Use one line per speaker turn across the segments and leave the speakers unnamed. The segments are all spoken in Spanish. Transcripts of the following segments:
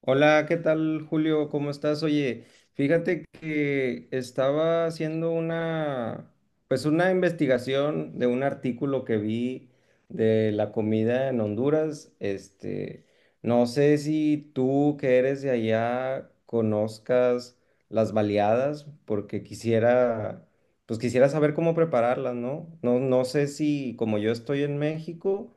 Hola, ¿qué tal, Julio? ¿Cómo estás? Oye, fíjate que estaba haciendo pues una investigación de un artículo que vi de la comida en Honduras. Este, no sé si tú que eres de allá conozcas las baleadas, porque pues quisiera saber cómo prepararlas, ¿no? No, no sé si como yo estoy en México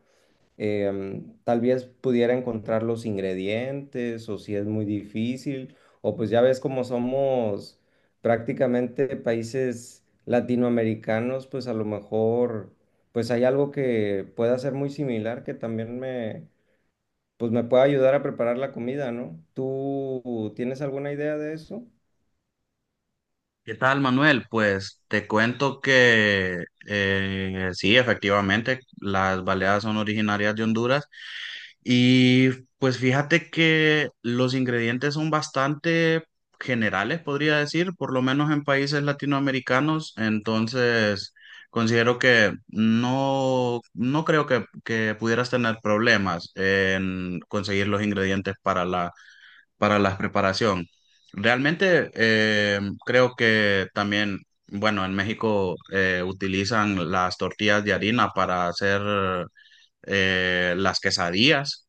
tal vez pudiera encontrar los ingredientes o si es muy difícil, o pues ya ves como somos prácticamente países latinoamericanos, pues a lo mejor pues hay algo que pueda ser muy similar que también me pues me pueda ayudar a preparar la comida, ¿no? ¿Tú tienes alguna idea de eso?
¿Qué tal, Manuel? Pues te cuento que sí, efectivamente, las baleadas son originarias de Honduras y pues fíjate que los ingredientes son bastante generales, podría decir, por lo menos en países latinoamericanos. Entonces considero que no, no creo que, pudieras tener problemas en conseguir los ingredientes para la preparación. Realmente creo que también, bueno, en México utilizan las tortillas de harina para hacer las quesadillas.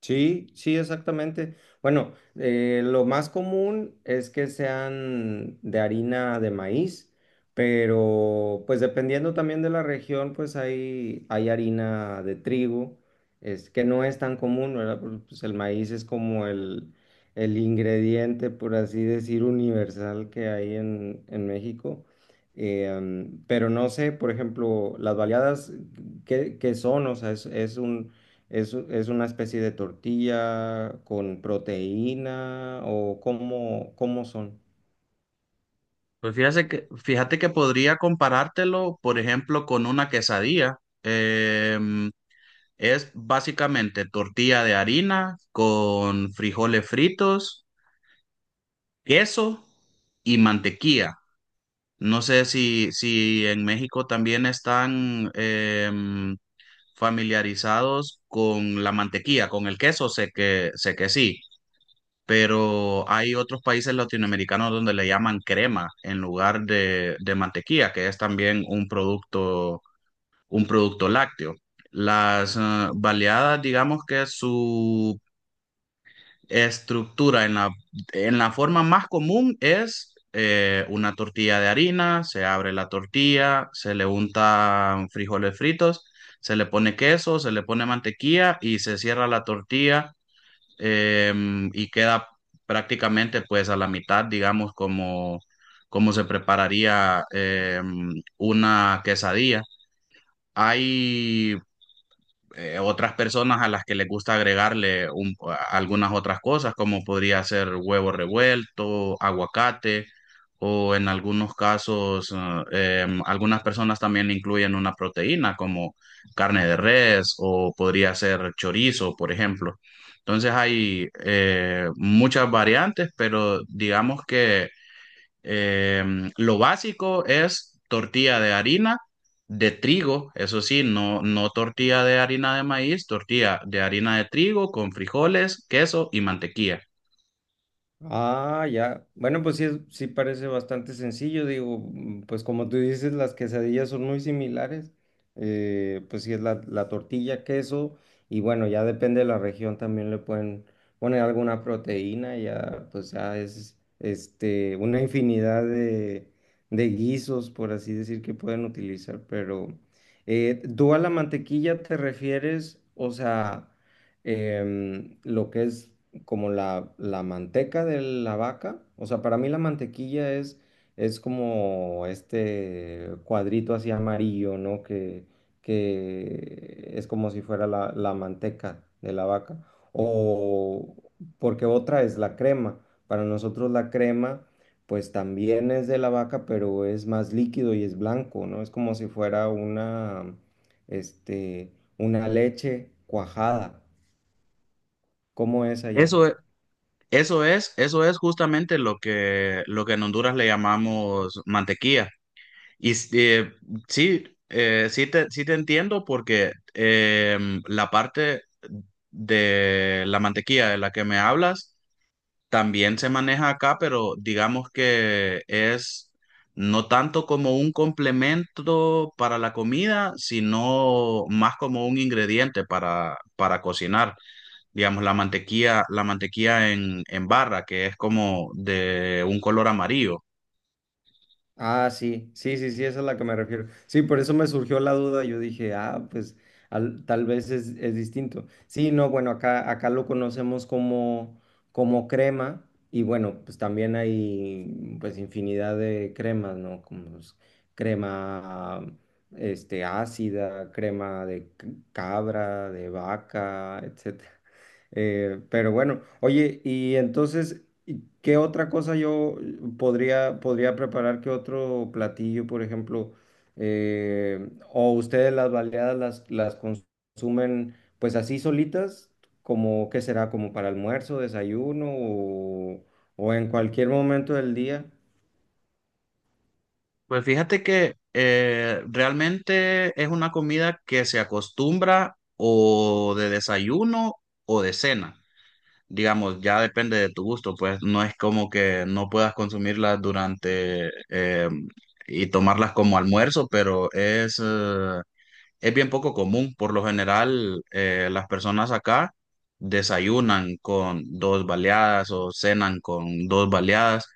Sí, sí, exactamente. Bueno, lo más común es que sean de harina de maíz, pero pues dependiendo también de la región, pues hay harina de trigo, es que no es tan común, ¿verdad? Pues el maíz es como el ingrediente, por así decir, universal que hay en México. Pero no sé, por ejemplo, las baleadas, ¿qué son? O sea, es un. ¿Es una especie de tortilla con proteína o cómo son?
Pues fíjate que podría comparártelo, por ejemplo, con una quesadilla. Em, es básicamente tortilla de harina con frijoles fritos, queso y mantequilla. No sé si en México también están familiarizados con la mantequilla, con el queso. Sé que sí, pero hay otros países latinoamericanos donde le llaman crema en lugar de mantequilla, que es también un producto lácteo. Las baleadas, digamos que su estructura en en la forma más común es una tortilla de harina. Se abre la tortilla, se le untan frijoles fritos, se le pone queso, se le pone mantequilla y se cierra la tortilla y queda prácticamente pues a la mitad, digamos, como, como se prepararía una quesadilla. Hay otras personas a las que les gusta agregarle algunas otras cosas, como podría ser huevo revuelto, aguacate, o en algunos casos, algunas personas también incluyen una proteína como carne de res, o podría ser chorizo, por ejemplo. Entonces hay muchas variantes, pero digamos que lo básico es tortilla de harina de trigo, eso sí, no, no tortilla de harina de maíz, tortilla de harina de trigo con frijoles, queso y mantequilla.
Ah, ya. Bueno, pues sí, sí parece bastante sencillo. Digo, pues como tú dices, las quesadillas son muy similares. Pues sí es la tortilla, queso y bueno, ya depende de la región también le pueden poner alguna proteína. Ya, pues ya es este, una infinidad de guisos, por así decir, que pueden utilizar. Pero ¿tú a la mantequilla te refieres? O sea, lo que es como la manteca de la vaca. O sea, para mí la mantequilla es como este cuadrito así amarillo, ¿no? Que es como si fuera la manteca de la vaca. O porque otra es la crema. Para nosotros la crema, pues también es de la vaca, pero es más líquido y es blanco, ¿no? Es como si fuera este, una leche cuajada. ¿Cómo es allá?
Eso, e- eso es justamente lo que en Honduras le llamamos mantequilla. Y sí, sí te entiendo porque la parte de la mantequilla de la que me hablas también se maneja acá, pero digamos que es no tanto como un complemento para la comida, sino más como un ingrediente para cocinar. Digamos, la mantequilla en barra, que es como de un color amarillo.
Ah, sí, sí, sí, sí, esa es a la que me refiero. Sí, por eso me surgió la duda. Yo dije, ah, pues tal vez es distinto. Sí, no, bueno, acá lo conocemos como crema y bueno, pues también hay pues infinidad de cremas, ¿no? Como pues, crema ácida, crema de cabra, de vaca, etcétera. Pero bueno, oye, y entonces, ¿y qué otra cosa yo podría preparar? ¿Qué otro platillo, por ejemplo? ¿O ustedes las baleadas las consumen pues así solitas? ¿Como qué será? ¿Como para almuerzo, desayuno o en cualquier momento del día?
Pues fíjate que realmente es una comida que se acostumbra o de desayuno o de cena. Digamos, ya depende de tu gusto, pues no es como que no puedas consumirlas durante y tomarlas como almuerzo, pero es bien poco común. Por lo general, las personas acá desayunan con dos baleadas o cenan con dos baleadas.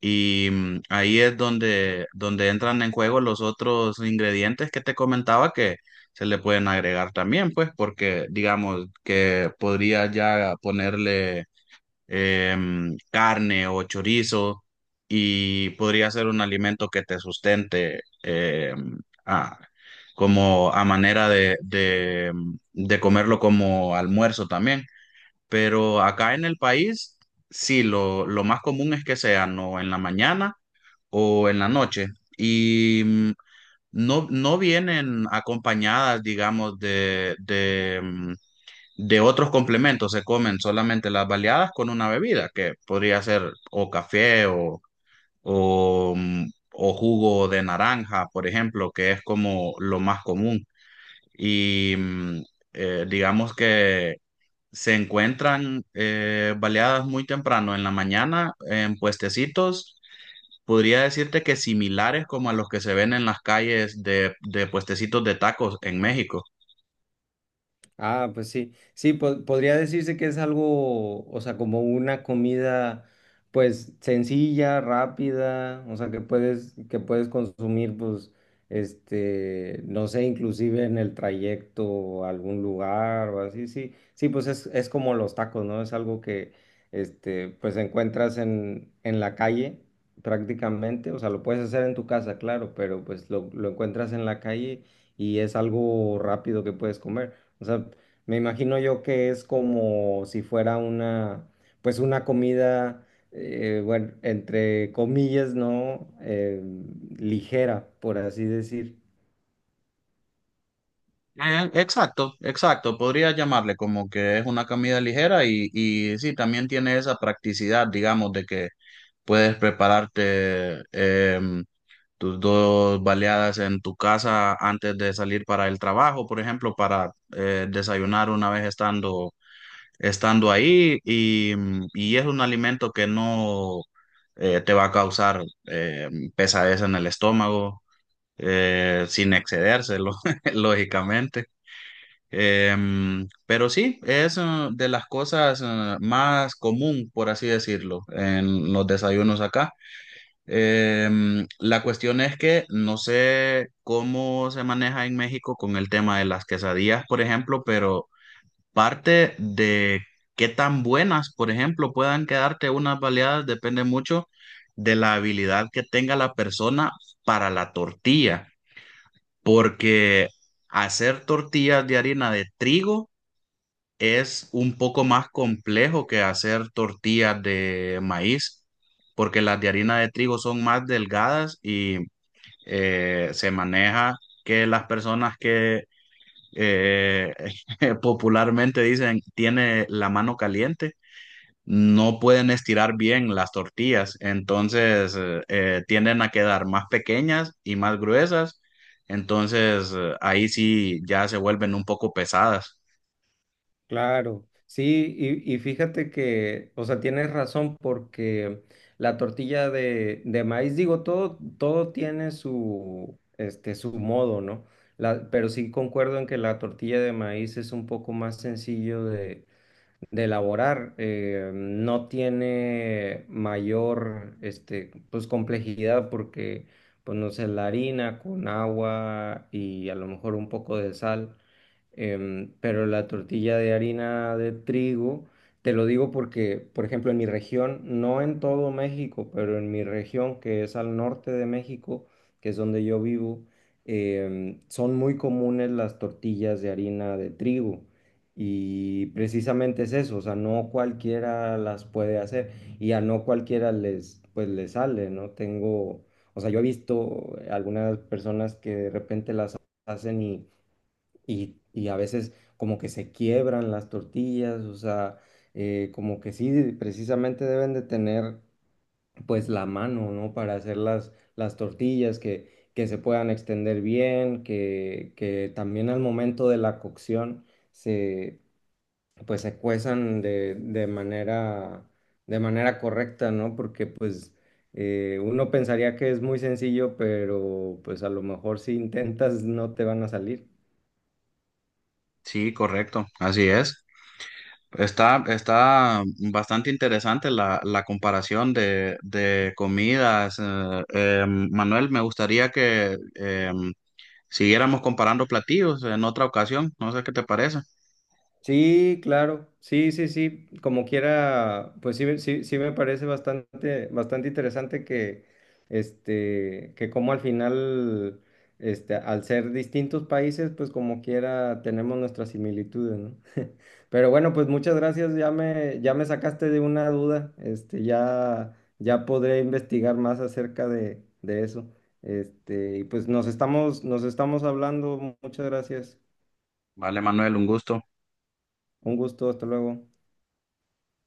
Y ahí es donde, donde entran en juego los otros ingredientes que te comentaba que se le pueden agregar también, pues, porque digamos que podría ya ponerle carne o chorizo, y podría ser un alimento que te sustente a- como a manera de comerlo como almuerzo también. Pero acá en el país, sí, lo más común es que sean o en la mañana o en la noche. Y no, no vienen acompañadas, digamos, de otros complementos. Se comen solamente las baleadas con una bebida, que podría ser o café o, mm, o jugo de naranja, por ejemplo, que es como lo más común. Y digamos que se encuentran baleadas muy temprano en la mañana en puestecitos. Podría decirte que similares como a los que se ven en las calles de puestecitos de tacos en México.
Ah, pues sí, sí, podría decirse que es algo, o sea, como una comida, pues sencilla, rápida, o sea, que puedes consumir, pues, este, no sé, inclusive en el trayecto a algún lugar o así, sí, sí, pues es como los tacos, ¿no? Es algo que, este, pues encuentras en la calle prácticamente, o sea, lo puedes hacer en tu casa, claro, pero pues lo encuentras en la calle y es algo rápido que puedes comer. O sea, me imagino yo que es como si fuera pues una comida, bueno, entre comillas, ¿no? Ligera, por así decir.
Exacto, exacto. Podría llamarle como que es una comida ligera y sí, también tiene esa practicidad, digamos, de que puedes prepararte tus dos baleadas en tu casa antes de salir para el trabajo, por ejemplo, para desayunar una vez estando ahí, y y es un alimento que no te va a causar pesadez en el estómago, sin excedérselo, lógicamente. Pero sí, es de las cosas más común, por así decirlo, en los desayunos acá. La cuestión es que no sé cómo se maneja en México con el tema de las quesadillas, por ejemplo, pero parte de qué tan buenas, por ejemplo, puedan quedarte unas baleadas depende mucho de la habilidad que tenga la persona para la tortilla, porque hacer tortillas de harina de trigo es un poco más complejo que hacer tortillas de maíz, porque las de harina de trigo son más delgadas y se maneja que las personas que eh, popularmente dicen tiene la mano caliente, no pueden estirar bien las tortillas. Entonces tienden a quedar más pequeñas y más gruesas, entonces ahí sí ya se vuelven un poco pesadas.
Claro, sí, y fíjate que, o sea, tienes razón porque la tortilla de maíz, digo, todo, todo tiene su modo, ¿no? Pero sí concuerdo en que la tortilla de maíz es un poco más sencillo de elaborar no tiene mayor este, pues, complejidad porque pues, no sé, la harina con agua y a lo mejor un poco de sal pero la tortilla de harina de trigo, te lo digo porque, por ejemplo, en mi región, no en todo México, pero en mi región que es al norte de México, que es donde yo vivo, son muy comunes las tortillas de harina de trigo. Y precisamente es eso, o sea, no cualquiera las puede hacer y a no cualquiera pues les sale, ¿no? Tengo, o sea, yo he visto algunas personas que de repente las hacen y a veces como que se quiebran las tortillas, o sea, como que sí, precisamente deben de tener pues la mano, ¿no? Para hacer las tortillas que se puedan extender bien, que también al momento de la cocción se, pues se cuezan de manera correcta, ¿no? Porque pues, uno pensaría que es muy sencillo, pero pues a lo mejor si intentas no te van a salir.
Sí, correcto, así es. Está, está bastante interesante la, la comparación de comidas. Manuel, me gustaría que siguiéramos comparando platillos en otra ocasión. No sé qué te parece.
Sí, claro, sí, sí, sí, como quiera, pues sí, sí, sí me parece bastante, bastante interesante que como al final, este, al ser distintos países, pues como quiera tenemos nuestras similitudes, ¿no? Pero bueno, pues muchas gracias, ya me sacaste de una duda, este, ya, ya podré investigar más acerca de eso, este, y pues nos estamos hablando, muchas gracias,
Vale, Manuel, un gusto.
un gusto, hasta luego.